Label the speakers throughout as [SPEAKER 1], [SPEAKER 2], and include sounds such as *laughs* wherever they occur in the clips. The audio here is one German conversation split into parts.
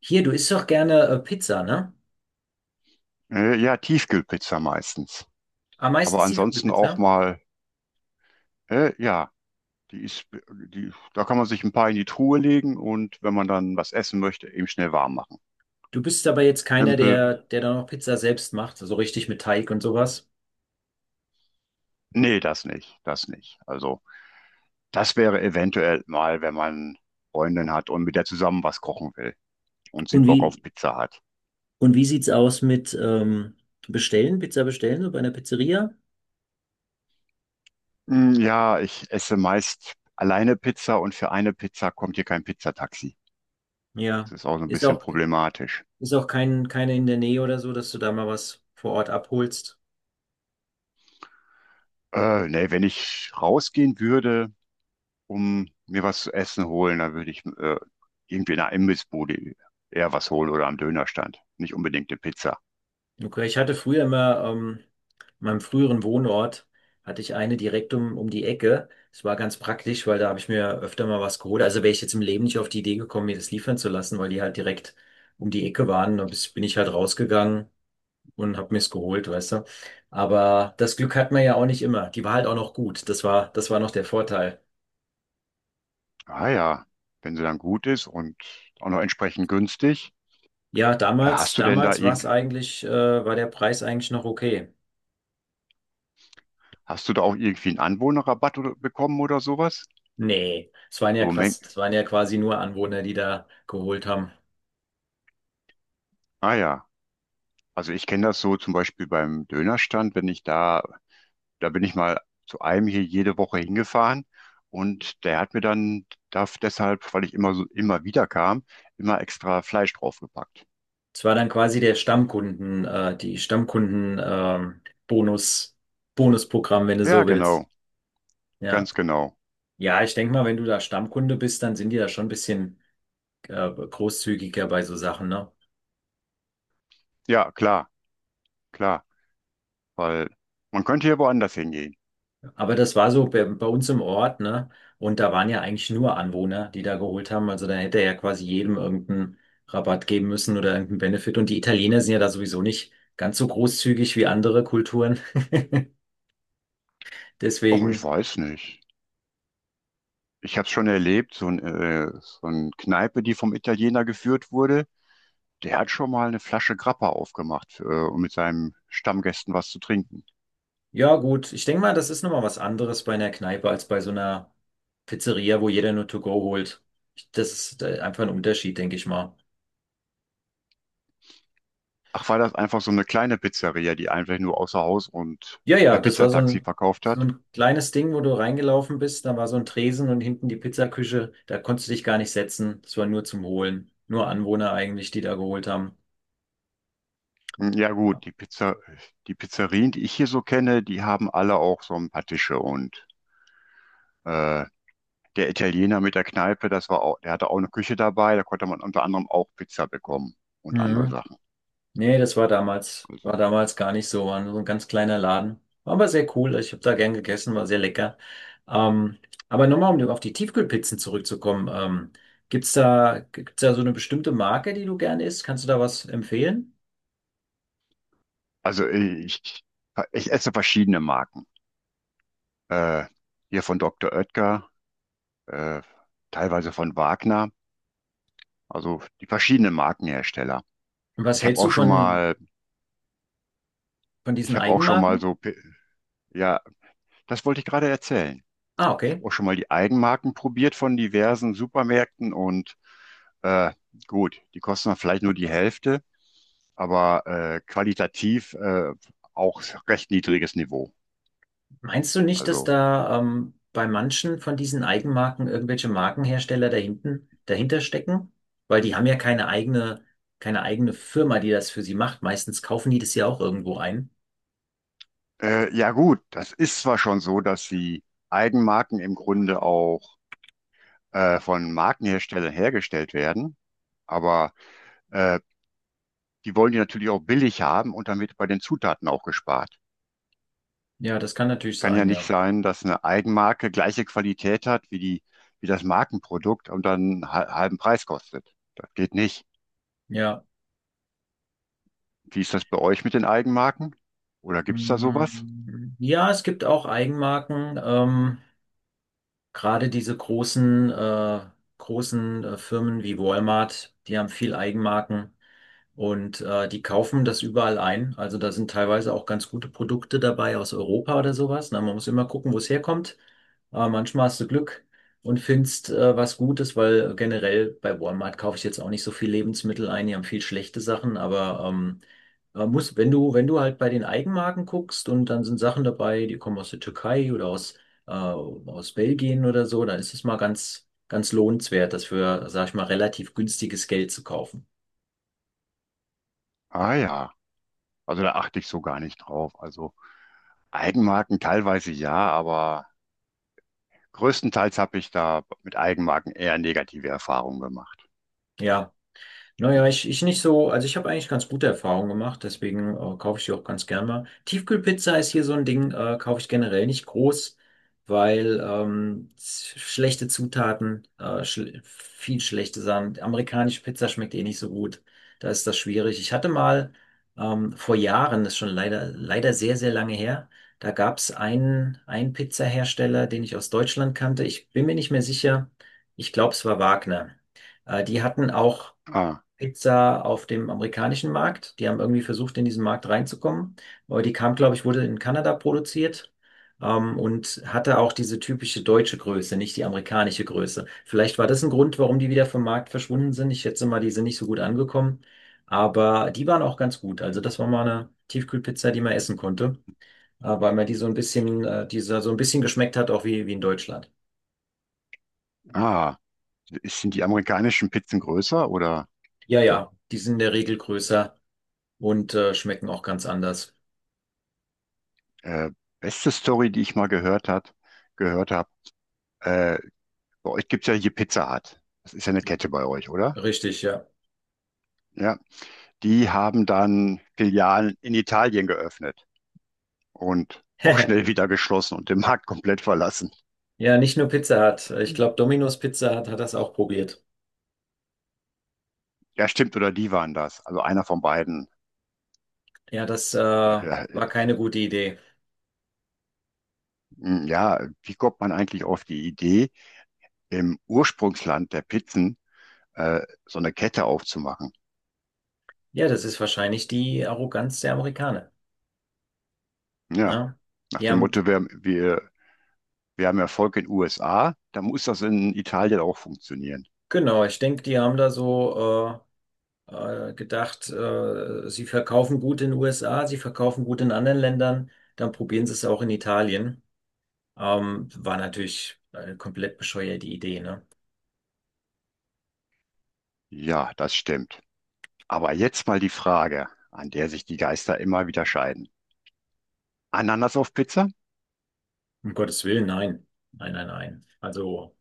[SPEAKER 1] Hier, du isst doch gerne Pizza, ne?
[SPEAKER 2] Ja, Tiefkühlpizza meistens.
[SPEAKER 1] Am meisten
[SPEAKER 2] Aber ansonsten auch
[SPEAKER 1] Tiefkühlpizza.
[SPEAKER 2] mal, ja, die ist, die, da kann man sich ein paar in die Truhe legen und wenn man dann was essen möchte, eben schnell warm machen.
[SPEAKER 1] Du bist aber jetzt keiner,
[SPEAKER 2] Simpel,
[SPEAKER 1] der dann auch Pizza selbst macht, so richtig mit Teig und sowas.
[SPEAKER 2] nee, das nicht. Also, das wäre eventuell mal, wenn man Freundin hat und mit der zusammen was kochen will und sie
[SPEAKER 1] Und
[SPEAKER 2] Bock auf
[SPEAKER 1] wie,
[SPEAKER 2] Pizza hat.
[SPEAKER 1] und wie sieht's aus mit Bestellen, Pizza bestellen, so bei einer Pizzeria?
[SPEAKER 2] Hm, ja, ich esse meist alleine Pizza und für eine Pizza kommt hier kein Pizzataxi.
[SPEAKER 1] Ja.
[SPEAKER 2] Das ist auch so ein
[SPEAKER 1] Ist
[SPEAKER 2] bisschen
[SPEAKER 1] auch,
[SPEAKER 2] problematisch.
[SPEAKER 1] ist auch keine in der Nähe oder so, dass du da mal was vor Ort abholst.
[SPEAKER 2] Nee, wenn ich rausgehen würde, um mir was zu essen holen, dann würde ich irgendwie in einer Imbissbude eher was holen oder am Dönerstand. Nicht unbedingt eine Pizza.
[SPEAKER 1] Okay, ich hatte früher immer, in meinem früheren Wohnort hatte ich eine direkt um die Ecke. Es war ganz praktisch, weil da habe ich mir öfter mal was geholt. Also wäre ich jetzt im Leben nicht auf die Idee gekommen, mir das liefern zu lassen, weil die halt direkt um die Ecke waren. Da bin ich halt rausgegangen und habe mir's geholt, weißt du. Aber das Glück hat man ja auch nicht immer. Die war halt auch noch gut. Das war noch der Vorteil.
[SPEAKER 2] Ah ja, wenn sie dann gut ist und auch noch entsprechend günstig.
[SPEAKER 1] Ja,
[SPEAKER 2] Äh, Hast du denn da
[SPEAKER 1] damals war es
[SPEAKER 2] irgend,
[SPEAKER 1] eigentlich, war der Preis eigentlich noch okay.
[SPEAKER 2] hast du da auch irgendwie einen Anwohnerrabatt oder, bekommen oder sowas?
[SPEAKER 1] Nee,
[SPEAKER 2] So um Mengen.
[SPEAKER 1] es waren ja quasi nur Anwohner, die da geholt haben.
[SPEAKER 2] Ah ja. Also ich kenne das so zum Beispiel beim Dönerstand, wenn ich da da bin ich mal zu einem hier jede Woche hingefahren und der hat mir dann darf deshalb, weil ich immer wieder kam, immer extra Fleisch draufgepackt.
[SPEAKER 1] Es war dann quasi der die Stammkunden, Bonus, Bonusprogramm, wenn du
[SPEAKER 2] Ja,
[SPEAKER 1] so willst.
[SPEAKER 2] genau,
[SPEAKER 1] Ja.
[SPEAKER 2] ganz genau.
[SPEAKER 1] Ja, ich denke mal, wenn du da Stammkunde bist, dann sind die da schon ein bisschen großzügiger bei so Sachen, ne?
[SPEAKER 2] Ja, klar, klar, weil man könnte hier woanders hingehen.
[SPEAKER 1] Aber das war so bei uns im Ort, ne? Und da waren ja eigentlich nur Anwohner, die da geholt haben. Also dann hätte er ja quasi jedem irgendeinen Rabatt geben müssen oder irgendeinen Benefit. Und die Italiener sind ja da sowieso nicht ganz so großzügig wie andere Kulturen. *laughs*
[SPEAKER 2] Och, ich
[SPEAKER 1] Deswegen.
[SPEAKER 2] weiß nicht. Ich habe es schon erlebt, so ein Kneipe, die vom Italiener geführt wurde, der hat schon mal eine Flasche Grappa aufgemacht, um mit seinen Stammgästen was zu trinken.
[SPEAKER 1] Ja, gut. Ich denke mal, das ist nochmal was anderes bei einer Kneipe als bei so einer Pizzeria, wo jeder nur to go holt. Das ist einfach ein Unterschied, denke ich mal.
[SPEAKER 2] Ach, war das einfach so eine kleine Pizzeria, die einfach nur außer Haus und
[SPEAKER 1] Ja,
[SPEAKER 2] per
[SPEAKER 1] ja, das war
[SPEAKER 2] Pizzataxi verkauft
[SPEAKER 1] so
[SPEAKER 2] hat?
[SPEAKER 1] ein kleines Ding, wo du reingelaufen bist. Da war so ein Tresen und hinten die Pizzaküche. Da konntest du dich gar nicht setzen. Das war nur zum Holen. Nur Anwohner eigentlich, die da geholt haben.
[SPEAKER 2] Hm, ja gut, die Pizzerien, die ich hier so kenne, die haben alle auch so ein paar Tische und äh, der Italiener mit der Kneipe, das war auch, der hatte auch eine Küche dabei, da konnte man unter anderem auch Pizza bekommen und andere
[SPEAKER 1] Mhm.
[SPEAKER 2] Sachen.
[SPEAKER 1] Nee,
[SPEAKER 2] Also.
[SPEAKER 1] war damals gar nicht so, war nur so ein ganz kleiner Laden. War aber sehr cool, ich habe da gern gegessen, war sehr lecker. Ähm, aber nochmal, um auf die Tiefkühlpizzen zurückzukommen, gibt's da so eine bestimmte Marke, die du gern isst? Kannst du da was empfehlen?
[SPEAKER 2] Also äh, ich, ich esse verschiedene Marken. Äh, Hier von Dr. Oetker, äh, teilweise von Wagner, also die verschiedenen Markenhersteller.
[SPEAKER 1] Und was
[SPEAKER 2] Ich habe
[SPEAKER 1] hältst du
[SPEAKER 2] auch schon mal,
[SPEAKER 1] von diesen
[SPEAKER 2] ich habe auch schon
[SPEAKER 1] Eigenmarken?
[SPEAKER 2] mal ja, das wollte ich gerade erzählen.
[SPEAKER 1] Ah,
[SPEAKER 2] Ich
[SPEAKER 1] okay.
[SPEAKER 2] habe auch schon mal die Eigenmarken probiert von diversen Supermärkten und äh, gut, die kosten dann vielleicht nur die Hälfte, aber qualitativ auch recht niedriges Niveau.
[SPEAKER 1] Meinst du nicht, dass
[SPEAKER 2] Also
[SPEAKER 1] da bei manchen von diesen Eigenmarken irgendwelche Markenhersteller dahinter stecken? Weil die haben ja keine eigene Firma, die das für sie macht. Meistens kaufen die das ja auch irgendwo ein.
[SPEAKER 2] Ja gut, das ist zwar schon so, dass die Eigenmarken im Grunde auch von Markenherstellern hergestellt werden, aber äh, die wollen die natürlich auch billig haben und dann wird bei den Zutaten auch gespart.
[SPEAKER 1] Ja, das kann natürlich
[SPEAKER 2] Kann ja
[SPEAKER 1] sein,
[SPEAKER 2] nicht
[SPEAKER 1] ja.
[SPEAKER 2] sein, dass eine Eigenmarke gleiche Qualität hat wie wie das Markenprodukt und dann halben Preis kostet. Das geht nicht.
[SPEAKER 1] Ja.
[SPEAKER 2] Wie ist das bei euch mit den Eigenmarken? Oder gibt's da sowas?
[SPEAKER 1] Mm, ja, es gibt auch Eigenmarken. Gerade diese großen Firmen wie Walmart, die haben viel Eigenmarken und die kaufen das überall ein. Also da sind teilweise auch ganz gute Produkte dabei aus Europa oder sowas. Na, man muss immer gucken, wo es herkommt. Aber manchmal hast du Glück und findest was Gutes, weil generell bei Walmart kaufe ich jetzt auch nicht so viel Lebensmittel ein. Die haben viel schlechte Sachen, aber man muss, wenn du halt bei den Eigenmarken guckst und dann sind Sachen dabei, die kommen aus der Türkei oder aus aus Belgien oder so, dann ist es mal ganz, ganz lohnenswert, das für, sag ich mal, relativ günstiges Geld zu kaufen.
[SPEAKER 2] Ah ja, also da achte ich so gar nicht drauf. Also Eigenmarken teilweise ja, aber größtenteils habe ich da mit Eigenmarken eher negative Erfahrungen gemacht.
[SPEAKER 1] Ja.
[SPEAKER 2] Oh,
[SPEAKER 1] Naja, ich nicht so, also ich habe eigentlich ganz gute Erfahrungen gemacht, deswegen kaufe ich die auch ganz gern mal. Tiefkühlpizza ist hier so ein Ding, kaufe ich generell nicht groß, weil schlechte Zutaten, schl viel schlechte Sachen. Amerikanische Pizza schmeckt eh nicht so gut, da ist das schwierig. Ich hatte mal vor Jahren, das ist schon leider, leider sehr, sehr lange her, da gab es einen Pizzahersteller, den ich aus Deutschland kannte. Ich bin mir nicht mehr sicher, ich glaube, es war Wagner. Die hatten auch
[SPEAKER 2] ah,
[SPEAKER 1] Pizza auf dem amerikanischen Markt. Die haben irgendwie versucht, in diesen Markt reinzukommen. Aber die kam, glaube ich, wurde in Kanada produziert. Und hatte auch diese typische deutsche Größe, nicht die amerikanische Größe. Vielleicht war das ein Grund, warum die wieder vom Markt verschwunden sind. Ich schätze mal, die sind nicht so gut angekommen. Aber die waren auch ganz gut. Also das war mal eine Tiefkühlpizza, die man essen konnte, weil man die so ein bisschen, dieser so so ein bisschen geschmeckt hat, auch wie in Deutschland.
[SPEAKER 2] ah, sind die amerikanischen Pizzen größer oder
[SPEAKER 1] Ja, ja, die sind in der Regel größer und schmecken auch ganz anders.
[SPEAKER 2] äh, beste Story, die ich mal gehört habe, äh, bei euch gibt es ja hier Pizza Hut. Das ist ja eine Kette bei euch, oder?
[SPEAKER 1] Richtig, ja.
[SPEAKER 2] Ja. Die haben dann Filialen in Italien geöffnet und auch schnell
[SPEAKER 1] *laughs*
[SPEAKER 2] wieder geschlossen und den Markt komplett verlassen.
[SPEAKER 1] Ja, nicht nur Pizza Hut. Ich glaube, Domino's Pizza Hut hat das auch probiert.
[SPEAKER 2] Ja, stimmt, oder die waren das. Also einer von beiden.
[SPEAKER 1] Ja, das
[SPEAKER 2] Ja,
[SPEAKER 1] war keine gute Idee.
[SPEAKER 2] ja, wie kommt man eigentlich auf die Idee im Ursprungsland der Pizzen äh, so eine Kette aufzumachen?
[SPEAKER 1] Ja, das ist wahrscheinlich die Arroganz der Amerikaner.
[SPEAKER 2] Ja,
[SPEAKER 1] Ne?
[SPEAKER 2] nach
[SPEAKER 1] Die
[SPEAKER 2] dem
[SPEAKER 1] haben,
[SPEAKER 2] Motto, wir haben Erfolg in den USA, dann muss das in Italien auch funktionieren.
[SPEAKER 1] genau, ich denke, die haben da so gedacht, sie verkaufen gut in den USA, sie verkaufen gut in anderen Ländern, dann probieren sie es auch in Italien. War natürlich eine komplett bescheuerte Idee, ne?
[SPEAKER 2] Ja, das stimmt. Aber jetzt mal die Frage, an der sich die Geister immer wieder scheiden. Ananas auf Pizza?
[SPEAKER 1] Um Gottes Willen, nein. Nein, nein, nein. Also.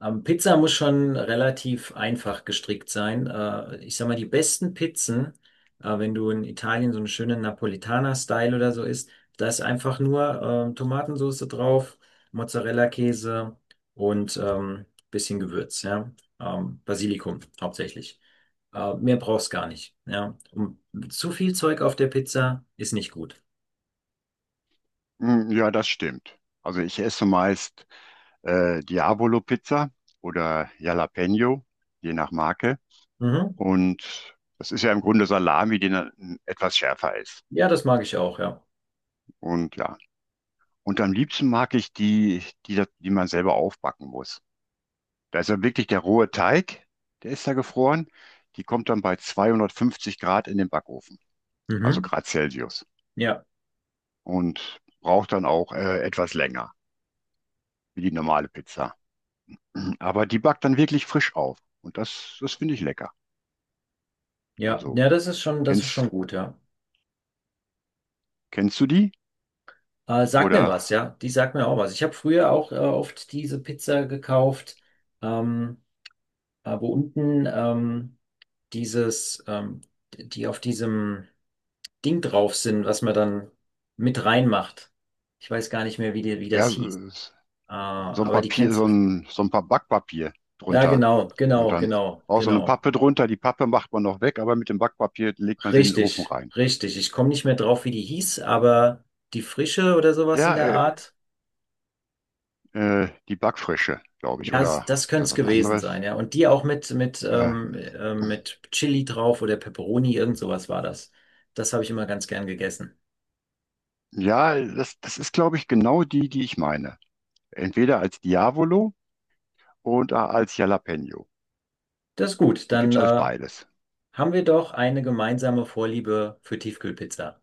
[SPEAKER 1] Pizza muss schon relativ einfach gestrickt sein. Ich sag mal, die besten Pizzen, wenn du in Italien so einen schönen Napolitaner-Style oder so isst, da ist einfach nur Tomatensauce drauf, Mozzarella-Käse und bisschen Gewürz, ja. Basilikum hauptsächlich. Mehr brauchst gar nicht, ja. Und zu viel Zeug auf der Pizza ist nicht gut.
[SPEAKER 2] Hm, ja, das stimmt. Also ich esse meist Diabolo-Pizza oder Jalapeno, je nach Marke.
[SPEAKER 1] Mhm.
[SPEAKER 2] Und das ist ja im Grunde Salami, die dann etwas schärfer ist.
[SPEAKER 1] Ja, das mag ich auch, ja.
[SPEAKER 2] Und ja, und am liebsten mag ich die man selber aufbacken muss. Da ist ja wirklich der rohe Teig, der ist da gefroren. Die kommt dann bei 250 Grad in den Backofen, also
[SPEAKER 1] Mhm.
[SPEAKER 2] Grad Celsius.
[SPEAKER 1] Ja,
[SPEAKER 2] Und braucht dann auch etwas länger, wie die normale Pizza. Aber die backt dann wirklich frisch auf. Und das finde ich lecker.
[SPEAKER 1] ja,
[SPEAKER 2] Also,
[SPEAKER 1] ja, das ist schon
[SPEAKER 2] kennst,
[SPEAKER 1] gut, ja.
[SPEAKER 2] kennst du die?
[SPEAKER 1] Sag mir
[SPEAKER 2] Oder
[SPEAKER 1] was, ja. Die sagt mir auch was. Ich habe früher auch oft diese Pizza gekauft, ähm, wo unten dieses, ähm, die auf diesem Ding drauf sind, was man dann mit reinmacht. Ich weiß gar nicht mehr, wie
[SPEAKER 2] ja,
[SPEAKER 1] das hieß.
[SPEAKER 2] so ein
[SPEAKER 1] Aber die
[SPEAKER 2] Papier,
[SPEAKER 1] kennst.
[SPEAKER 2] so ein paar Backpapier
[SPEAKER 1] Ja,
[SPEAKER 2] drunter.
[SPEAKER 1] genau,
[SPEAKER 2] Und
[SPEAKER 1] genau,
[SPEAKER 2] dann
[SPEAKER 1] genau,
[SPEAKER 2] auch so eine
[SPEAKER 1] genau.
[SPEAKER 2] Pappe drunter. Die Pappe macht man noch weg, aber mit dem Backpapier legt man sie in den Ofen
[SPEAKER 1] Richtig,
[SPEAKER 2] rein.
[SPEAKER 1] richtig. Ich komme nicht mehr drauf, wie die hieß, aber die Frische oder sowas in
[SPEAKER 2] Ja,
[SPEAKER 1] der Art.
[SPEAKER 2] die Backfrische, glaube ich.
[SPEAKER 1] Ja,
[SPEAKER 2] Oder
[SPEAKER 1] das
[SPEAKER 2] ist
[SPEAKER 1] könnte
[SPEAKER 2] das
[SPEAKER 1] es
[SPEAKER 2] was
[SPEAKER 1] gewesen sein,
[SPEAKER 2] anderes?
[SPEAKER 1] ja. Und die auch
[SPEAKER 2] Äh,
[SPEAKER 1] mit Chili drauf oder Pepperoni, irgend sowas war das. Das habe ich immer ganz gern gegessen.
[SPEAKER 2] ja, das ist, glaube ich, genau die, die ich meine. Entweder als Diavolo oder als Jalapeno.
[SPEAKER 1] Das ist gut,
[SPEAKER 2] Die
[SPEAKER 1] dann
[SPEAKER 2] gibt es als beides.
[SPEAKER 1] haben wir doch eine gemeinsame Vorliebe für Tiefkühlpizza.